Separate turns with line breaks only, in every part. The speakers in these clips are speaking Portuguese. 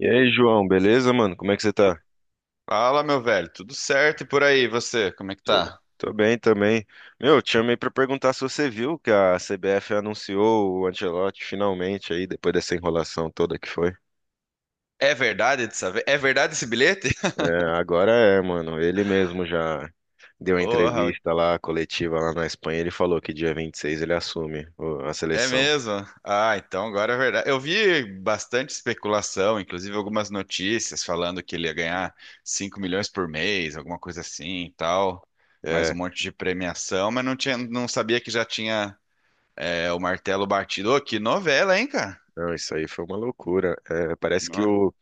E aí, João, beleza, mano? Como é que você tá?
Fala, meu velho, tudo certo e por aí, você, como é que
Tô,
tá?
tô bem também. Meu, eu te chamei pra perguntar se você viu que a CBF anunciou o Ancelotti finalmente aí, depois dessa enrolação toda que foi.
É verdade dessa vez? É verdade esse bilhete?
É, agora é, mano. Ele mesmo já deu a
Porra,
entrevista lá, coletiva lá na Espanha. Ele falou que dia 26 ele assume a
é
seleção.
mesmo? Ah, então agora é verdade. Eu vi bastante especulação, inclusive algumas notícias falando que ele ia ganhar 5 milhões por mês, alguma coisa assim e tal, mais um
É,
monte de premiação, mas não tinha, não sabia que já tinha o martelo batido. Ô, que novela, hein, cara?
não, isso aí foi uma loucura. É, parece que
No-
o,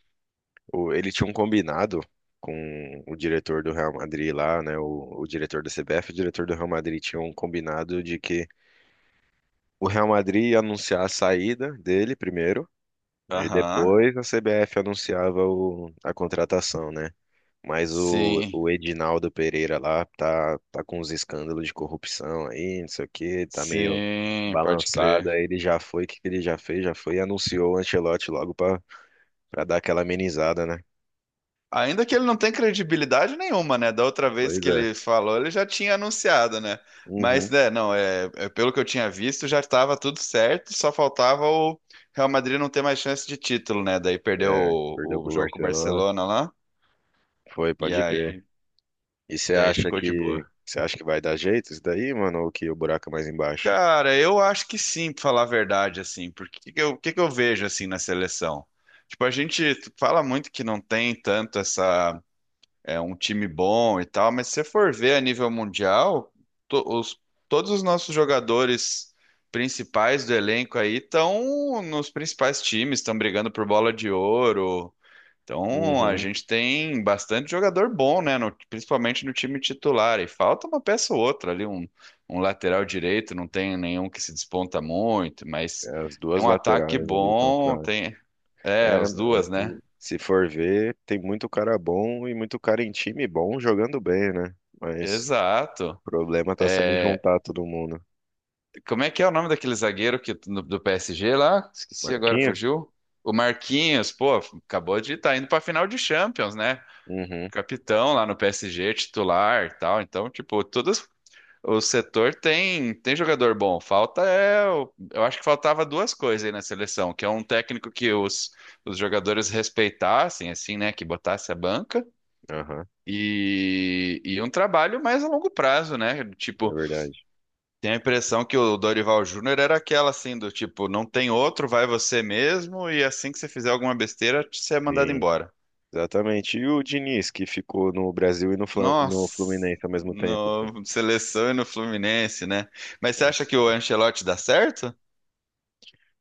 O- ele tinha um combinado com o diretor do Real Madrid lá, né? O diretor da CBF, o diretor do Real Madrid tinha um combinado de que o Real Madrid ia anunciar a saída dele primeiro, e
Aham.
depois a CBF anunciava a contratação, né? Mas o,
Sim,
o Edinaldo Pereira lá tá com uns escândalos de corrupção aí, não sei o quê, tá meio
sim, pode
balançado.
crer.
Aí ele já foi, o que que ele já fez? Já foi e anunciou o Ancelotti logo pra dar aquela amenizada, né?
Ainda que ele não tenha credibilidade nenhuma, né? Da outra vez
Pois
que
é.
ele falou, ele já tinha anunciado, né? Mas,
Uhum.
né, não, pelo que eu tinha visto, já estava tudo certo, só faltava o Real Madrid não ter mais chance de título, né? Daí perdeu
É, perdeu
o
pro
jogo com o
Barcelona.
Barcelona lá,
Foi,
e
pode crer.
aí
E você
daí
acha
ficou de
que
boa.
você acha que vai dar jeito isso daí, mano, ou que o buraco é mais embaixo?
Cara, eu acho que sim, pra falar a verdade, assim, porque que eu vejo, assim, na seleção? Tipo, a gente fala muito que não tem tanto essa, é um time bom e tal, mas se você for ver a nível mundial, to- os- todos os nossos jogadores principais do elenco aí estão nos principais times, estão brigando por bola de ouro. Então a
Uhum.
gente tem bastante jogador bom, né? Principalmente no time titular. E falta uma peça ou outra ali, um lateral direito, não tem nenhum que se desponta muito, mas
As duas
tem um ataque
laterais ali estão
bom,
fracas.
tem. É,
É,
as
mas
duas, né?
se for ver, tem muito cara bom e muito cara em time bom jogando bem, né? Mas
Exato.
o problema tá sendo
É.
juntar todo mundo.
Como é que é o nome daquele zagueiro do PSG lá? Esqueci agora,
Marquinhos?
fugiu? O Marquinhos, pô, acabou de estar indo para final de Champions, né?
Uhum,
Capitão lá no PSG, titular, e tal. Então, tipo, todos o setor tem jogador bom. Eu acho que faltava duas coisas aí na seleção, que é um técnico que os jogadores respeitassem, assim, né? Que botasse a banca.
aham,
E um trabalho mais a longo prazo, né?
é
Tipo,
verdade.
tenho a impressão que o Dorival Júnior era aquela assim do tipo, não tem outro, vai você mesmo e assim que você fizer alguma besteira, você é mandado
Sim,
embora.
exatamente. E o Diniz, que ficou no Brasil e no
Nossa,
Fluminense ao mesmo tempo, pô.
no seleção e no Fluminense, né? Mas você acha que o Ancelotti dá certo?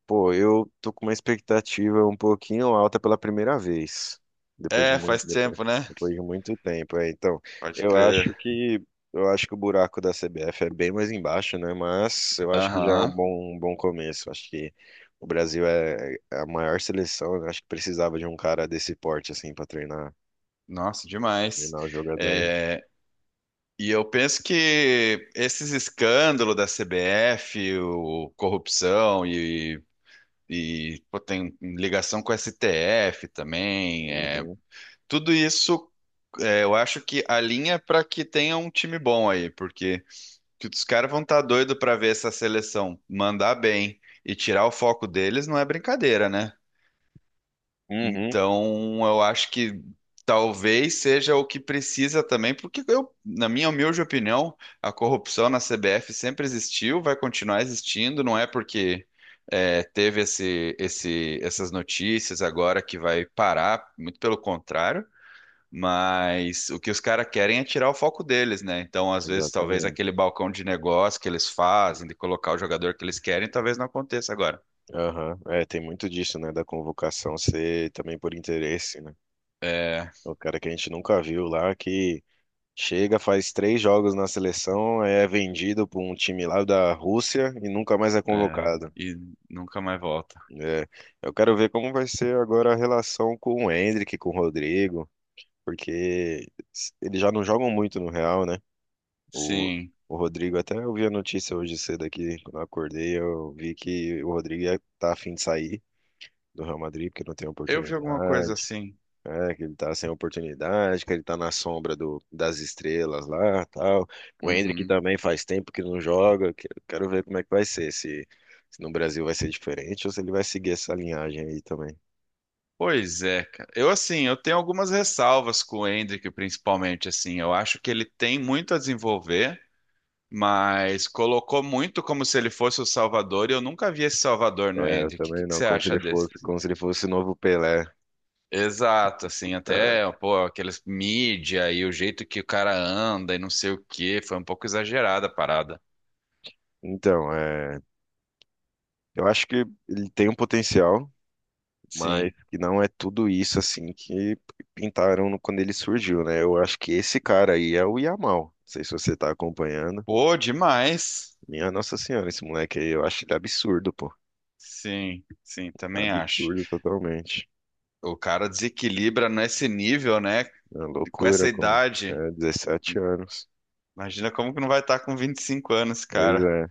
Pô, eu tô com uma expectativa um pouquinho alta pela primeira vez, depois de
É,
muito,
faz
depois,
tempo, né?
depois de muito tempo. É, então,
Pode
eu
crer.
acho que eu acho que o buraco da CBF é bem mais embaixo, né? Mas eu acho que já é um
Aham.
bom, um bom começo. Acho que o Brasil é a maior seleção, né? Acho que precisava de um cara desse porte assim para
Nossa, demais.
treinar os jogadores.
É, e eu penso que esses escândalos da CBF, o, corrupção e E pô, tem ligação com o STF também. É,
Uhum.
tudo isso, é, eu acho que alinha para que tenha um time bom aí, porque que os caras vão estar tá doidos para ver essa seleção mandar bem e tirar o foco deles não é brincadeira, né?
Uhum.
Então, eu acho que talvez seja o que precisa também, porque eu, na minha humilde opinião, a corrupção na CBF sempre existiu, vai continuar existindo, não é porque teve essas notícias agora que vai parar, muito pelo contrário. Mas o que os caras querem é tirar o foco deles, né? Então, às vezes, talvez
Exatamente.
aquele balcão de negócio que eles fazem, de colocar o jogador que eles querem, talvez não aconteça agora.
Aham. É, tem muito disso, né? Da convocação ser também por interesse, né?
É,
O cara que a gente nunca viu lá, que chega, faz três jogos na seleção, é vendido para um time lá da Rússia e nunca mais é
é,
convocado.
e nunca mais volta.
É, eu quero ver como vai ser agora a relação com o Endrick, com o Rodrigo, porque eles já não jogam muito no Real, né? O,
Sim.
o Rodrigo, até eu vi a notícia hoje cedo aqui, quando eu acordei, eu vi que o Rodrigo tá a fim de sair do Real Madrid, porque não tem
Eu vi alguma coisa
oportunidade.
assim.
É, que ele tá sem oportunidade, que ele tá na sombra do, das estrelas lá, tal. O Hendrick
Uhum.
também faz tempo que não joga. Quero ver como é que vai ser, se no Brasil vai ser diferente ou se ele vai seguir essa linhagem aí também.
Pois é, cara. Eu, assim, eu tenho algumas ressalvas com o Endrick, principalmente, assim. Eu acho que ele tem muito a desenvolver, mas colocou muito como se ele fosse o Salvador, e eu nunca vi esse Salvador no
É, eu
Endrick. O que
também
que
não,
você acha desse?
como se ele fosse o novo Pelé.
Exato, assim,
Ah,
até, pô, aqueles mídia e o jeito que o cara anda e não sei o quê, foi um pouco exagerada a parada.
então, é, eu acho que ele tem um potencial, mas
Sim.
que não é tudo isso assim que pintaram quando ele surgiu, né? Eu acho que esse cara aí é o Yamal. Não sei se você tá acompanhando.
Pô, demais.
Minha Nossa Senhora, esse moleque aí, eu acho ele absurdo, pô.
Sim, sim, também acho.
Absurdo totalmente.
O cara desequilibra nesse nível, né?
É uma
Com essa
loucura com
idade.
17 anos.
Imagina como que não vai estar com 25 anos,
Pois
cara.
é.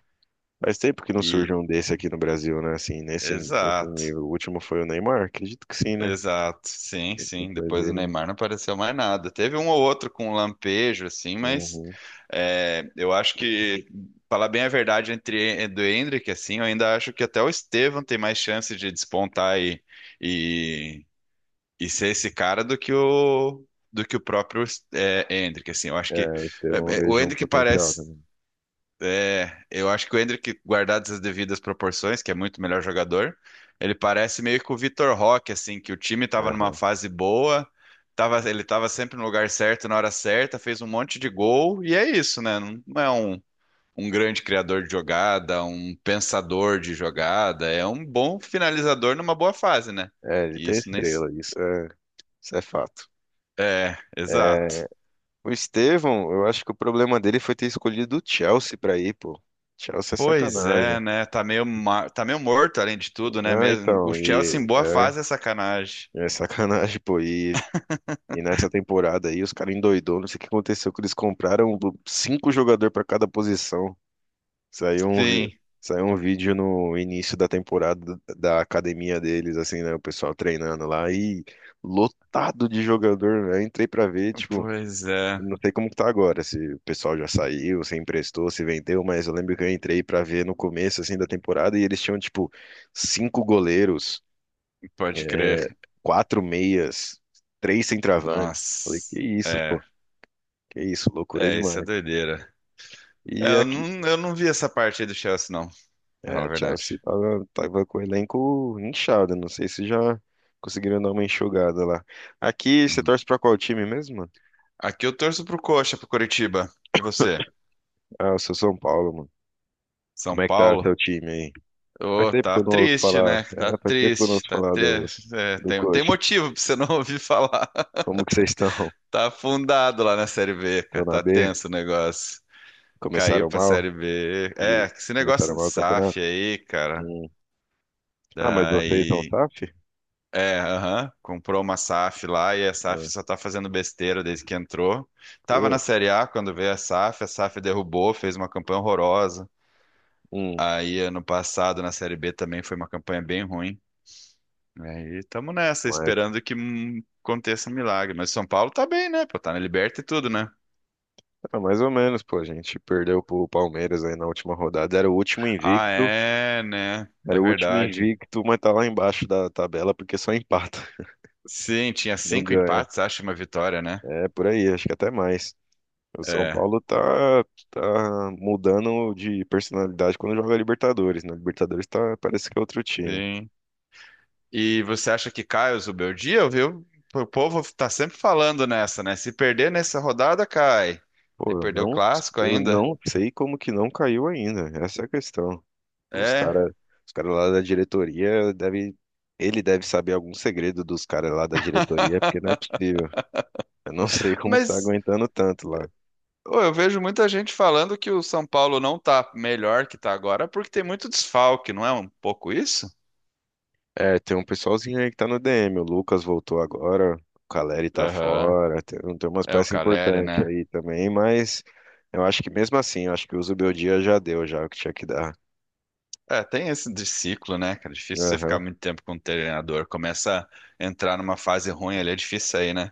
Faz tempo que não surge
E
um desse aqui no Brasil, né? Assim, nesse
exato.
nível. O último foi o Neymar, acredito que sim, né?
Exato. Sim, sim.
Depois
Depois do
dele.
Neymar não apareceu mais nada. Teve um ou outro com um lampejo, assim, mas
Uhum.
é, eu acho que, falar bem a verdade, entre do Endrick, assim, eu ainda acho que até o Estevão tem mais chance de despontar e ser esse cara do que o próprio Hendrick, assim, eu acho que
É, o Estevão eu
o
vejo um
Hendrick
potencial
parece,
também.
é, eu acho que o Hendrick, guardadas as devidas proporções, que é muito melhor jogador, ele parece meio que o Vitor Roque, assim, que o time estava numa
Aham.
fase boa, tava, ele estava sempre no lugar certo, na hora certa, fez um monte de gol e é isso, né? Não, não é um Um grande criador de jogada, um pensador de jogada, é um bom finalizador numa boa fase, né?
É, ele
E
tem
isso nem, se-
estrela, isso é fato.
É, exato.
É, o Estevão, eu acho que o problema dele foi ter escolhido o Chelsea pra ir, pô. Chelsea é
Pois
sacanagem.
é, né? Tá meio, tá meio morto, além de tudo, né?
Ah,
Mesmo. O
então,
Chelsea
e
em boa fase é sacanagem.
é sacanagem, pô. E nessa temporada aí, os caras endoidou, não sei o que aconteceu, que eles compraram cinco jogadores pra cada posição. Saiu um, vi-
Sim,
saiu um vídeo no início da temporada da academia deles, assim, né? O pessoal treinando lá e lotado de jogador, né? Entrei pra ver, tipo,
pois é,
não sei como que tá agora, se o pessoal já saiu, se emprestou, se vendeu, mas eu lembro que eu entrei pra ver no começo, assim, da temporada e eles tinham, tipo, cinco goleiros,
pode crer.
quatro meias, três centroavantes. Falei, que
Nossa,
isso, pô, que isso, loucura
isso é
demais.
doideira. É,
E aqui,
eu não vi essa parte aí do Chelsea, não, pra falar
a
a
Chelsea
verdade.
tava com o elenco inchado, não sei se já conseguiram dar uma enxugada lá. Aqui, você
Uhum.
torce pra qual time mesmo, mano?
Aqui eu torço pro Coxa, pro Coritiba. E você?
Ah, eu sou São Paulo, mano.
São
Como é que tá
Paulo?
seu time aí? Faz
Ô,
tempo que
tá
eu não ouço
triste,
falar,
né? Tá
Faz tempo que eu não
triste,
ouço
tá
falar do,
triste. É,
do
tem
coach.
motivo pra você não ouvir falar.
Como que vocês estão?
Tá afundado lá na Série B,
Estão
cara.
na
Tá
B?
tenso o negócio. Caiu
Começaram
pra
mal?
Série B. É,
E
esse negócio
começaram
de
mal o campeonato?
SAF aí, cara.
Hum. Ah, mas vocês são
Daí.
SAF?
É, aham, comprou uma SAF lá e a SAF
Ah,
só tá fazendo besteira desde que entrou. Tava na
putz.
Série A quando veio a SAF derrubou, fez uma campanha horrorosa.
Hum.
Aí ano passado na Série B também foi uma campanha bem ruim. Aí estamos nessa,
Mas,
esperando que aconteça um milagre. Mas São Paulo tá bem, né? Pô, tá na Liberta e tudo, né?
cara, mais ou menos, pô, a gente perdeu pro Palmeiras aí na última rodada.
Ah, é, né? É
Era o último
verdade.
invicto, mas tá lá embaixo da tabela porque só empata,
Sim, tinha
não
cinco
ganha.
empates, acho, e uma vitória, né?
É por aí, acho que até mais. O São
É,
Paulo tá mudando de personalidade quando joga Libertadores, né? Libertadores tá, parece que é outro time.
sim. E você acha que cai o Zubeldia, viu? O povo tá sempre falando nessa, né? Se perder nessa rodada, cai. E
Pô, eu
perdeu o
não,
clássico
eu
ainda.
não sei como que não caiu ainda, essa é a questão. Os
É.
cara, os cara lá da diretoria ele deve saber algum segredo dos caras lá da diretoria, porque não é possível. Eu não sei como que tá
Mas
aguentando tanto lá.
ô, eu vejo muita gente falando que o São Paulo não tá melhor que tá agora porque tem muito desfalque, não é um pouco isso?
É, tem um pessoalzinho aí que tá no DM, o Lucas voltou agora, o Caleri tá
Aham.
fora, tem umas
É o
peças
Caleri,
importantes
né?
aí também, mas eu acho que mesmo assim, eu acho que o Zubeldia já deu já o que tinha que dar.
É, tem esse de ciclo, né, cara? É difícil você ficar
Aham,
muito tempo com um treinador. Começa a entrar numa fase ruim ali, é difícil sair, né?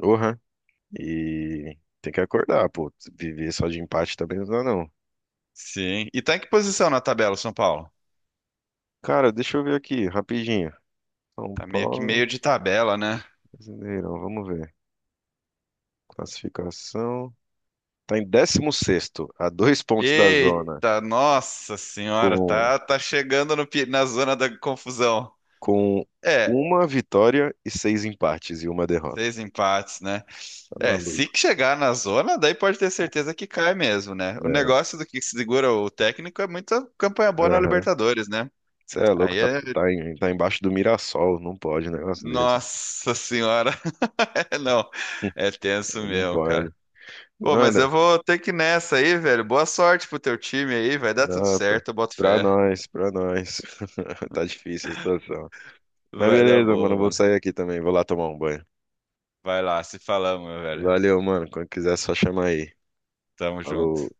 uhum. E tem que acordar, pô, viver só de empate também não dá não.
Sim. E tá em que posição na tabela, o São Paulo?
Cara, deixa eu ver aqui, rapidinho. São
Tá meio que
Paulo.
meio de tabela, né?
Brasileirão, vamos ver. Classificação. Está em 16º, a dois pontos da zona,
Eita, nossa senhora,
com,
tá, tá chegando no na zona da confusão.
com
É,
uma vitória e seis empates e uma derrota.
seis empates, né?
Tá
É, se
maluco.
que chegar na zona, daí pode ter certeza que cai mesmo, né? O
É,
negócio do que segura o técnico é muita campanha boa na
aham.
Libertadores, né?
Você é louco,
Aí é.
tá embaixo do Mirassol, não pode um negócio desse.
Nossa senhora, não, é tenso
Não
mesmo, cara.
pode.
Pô, mas
Nada,
eu vou ter que ir nessa aí, velho. Boa sorte pro teu time aí, vai dar tudo
não, pra
certo, eu boto
pra
fé.
nós, pra nós. Tá difícil a situação. Mas
Vai dar
beleza, mano,
boa,
eu vou
mano.
sair aqui também, vou lá tomar um banho.
Vai lá, se falamos, meu velho.
Valeu, mano, quando quiser é só chamar aí.
Tamo junto.
Falou.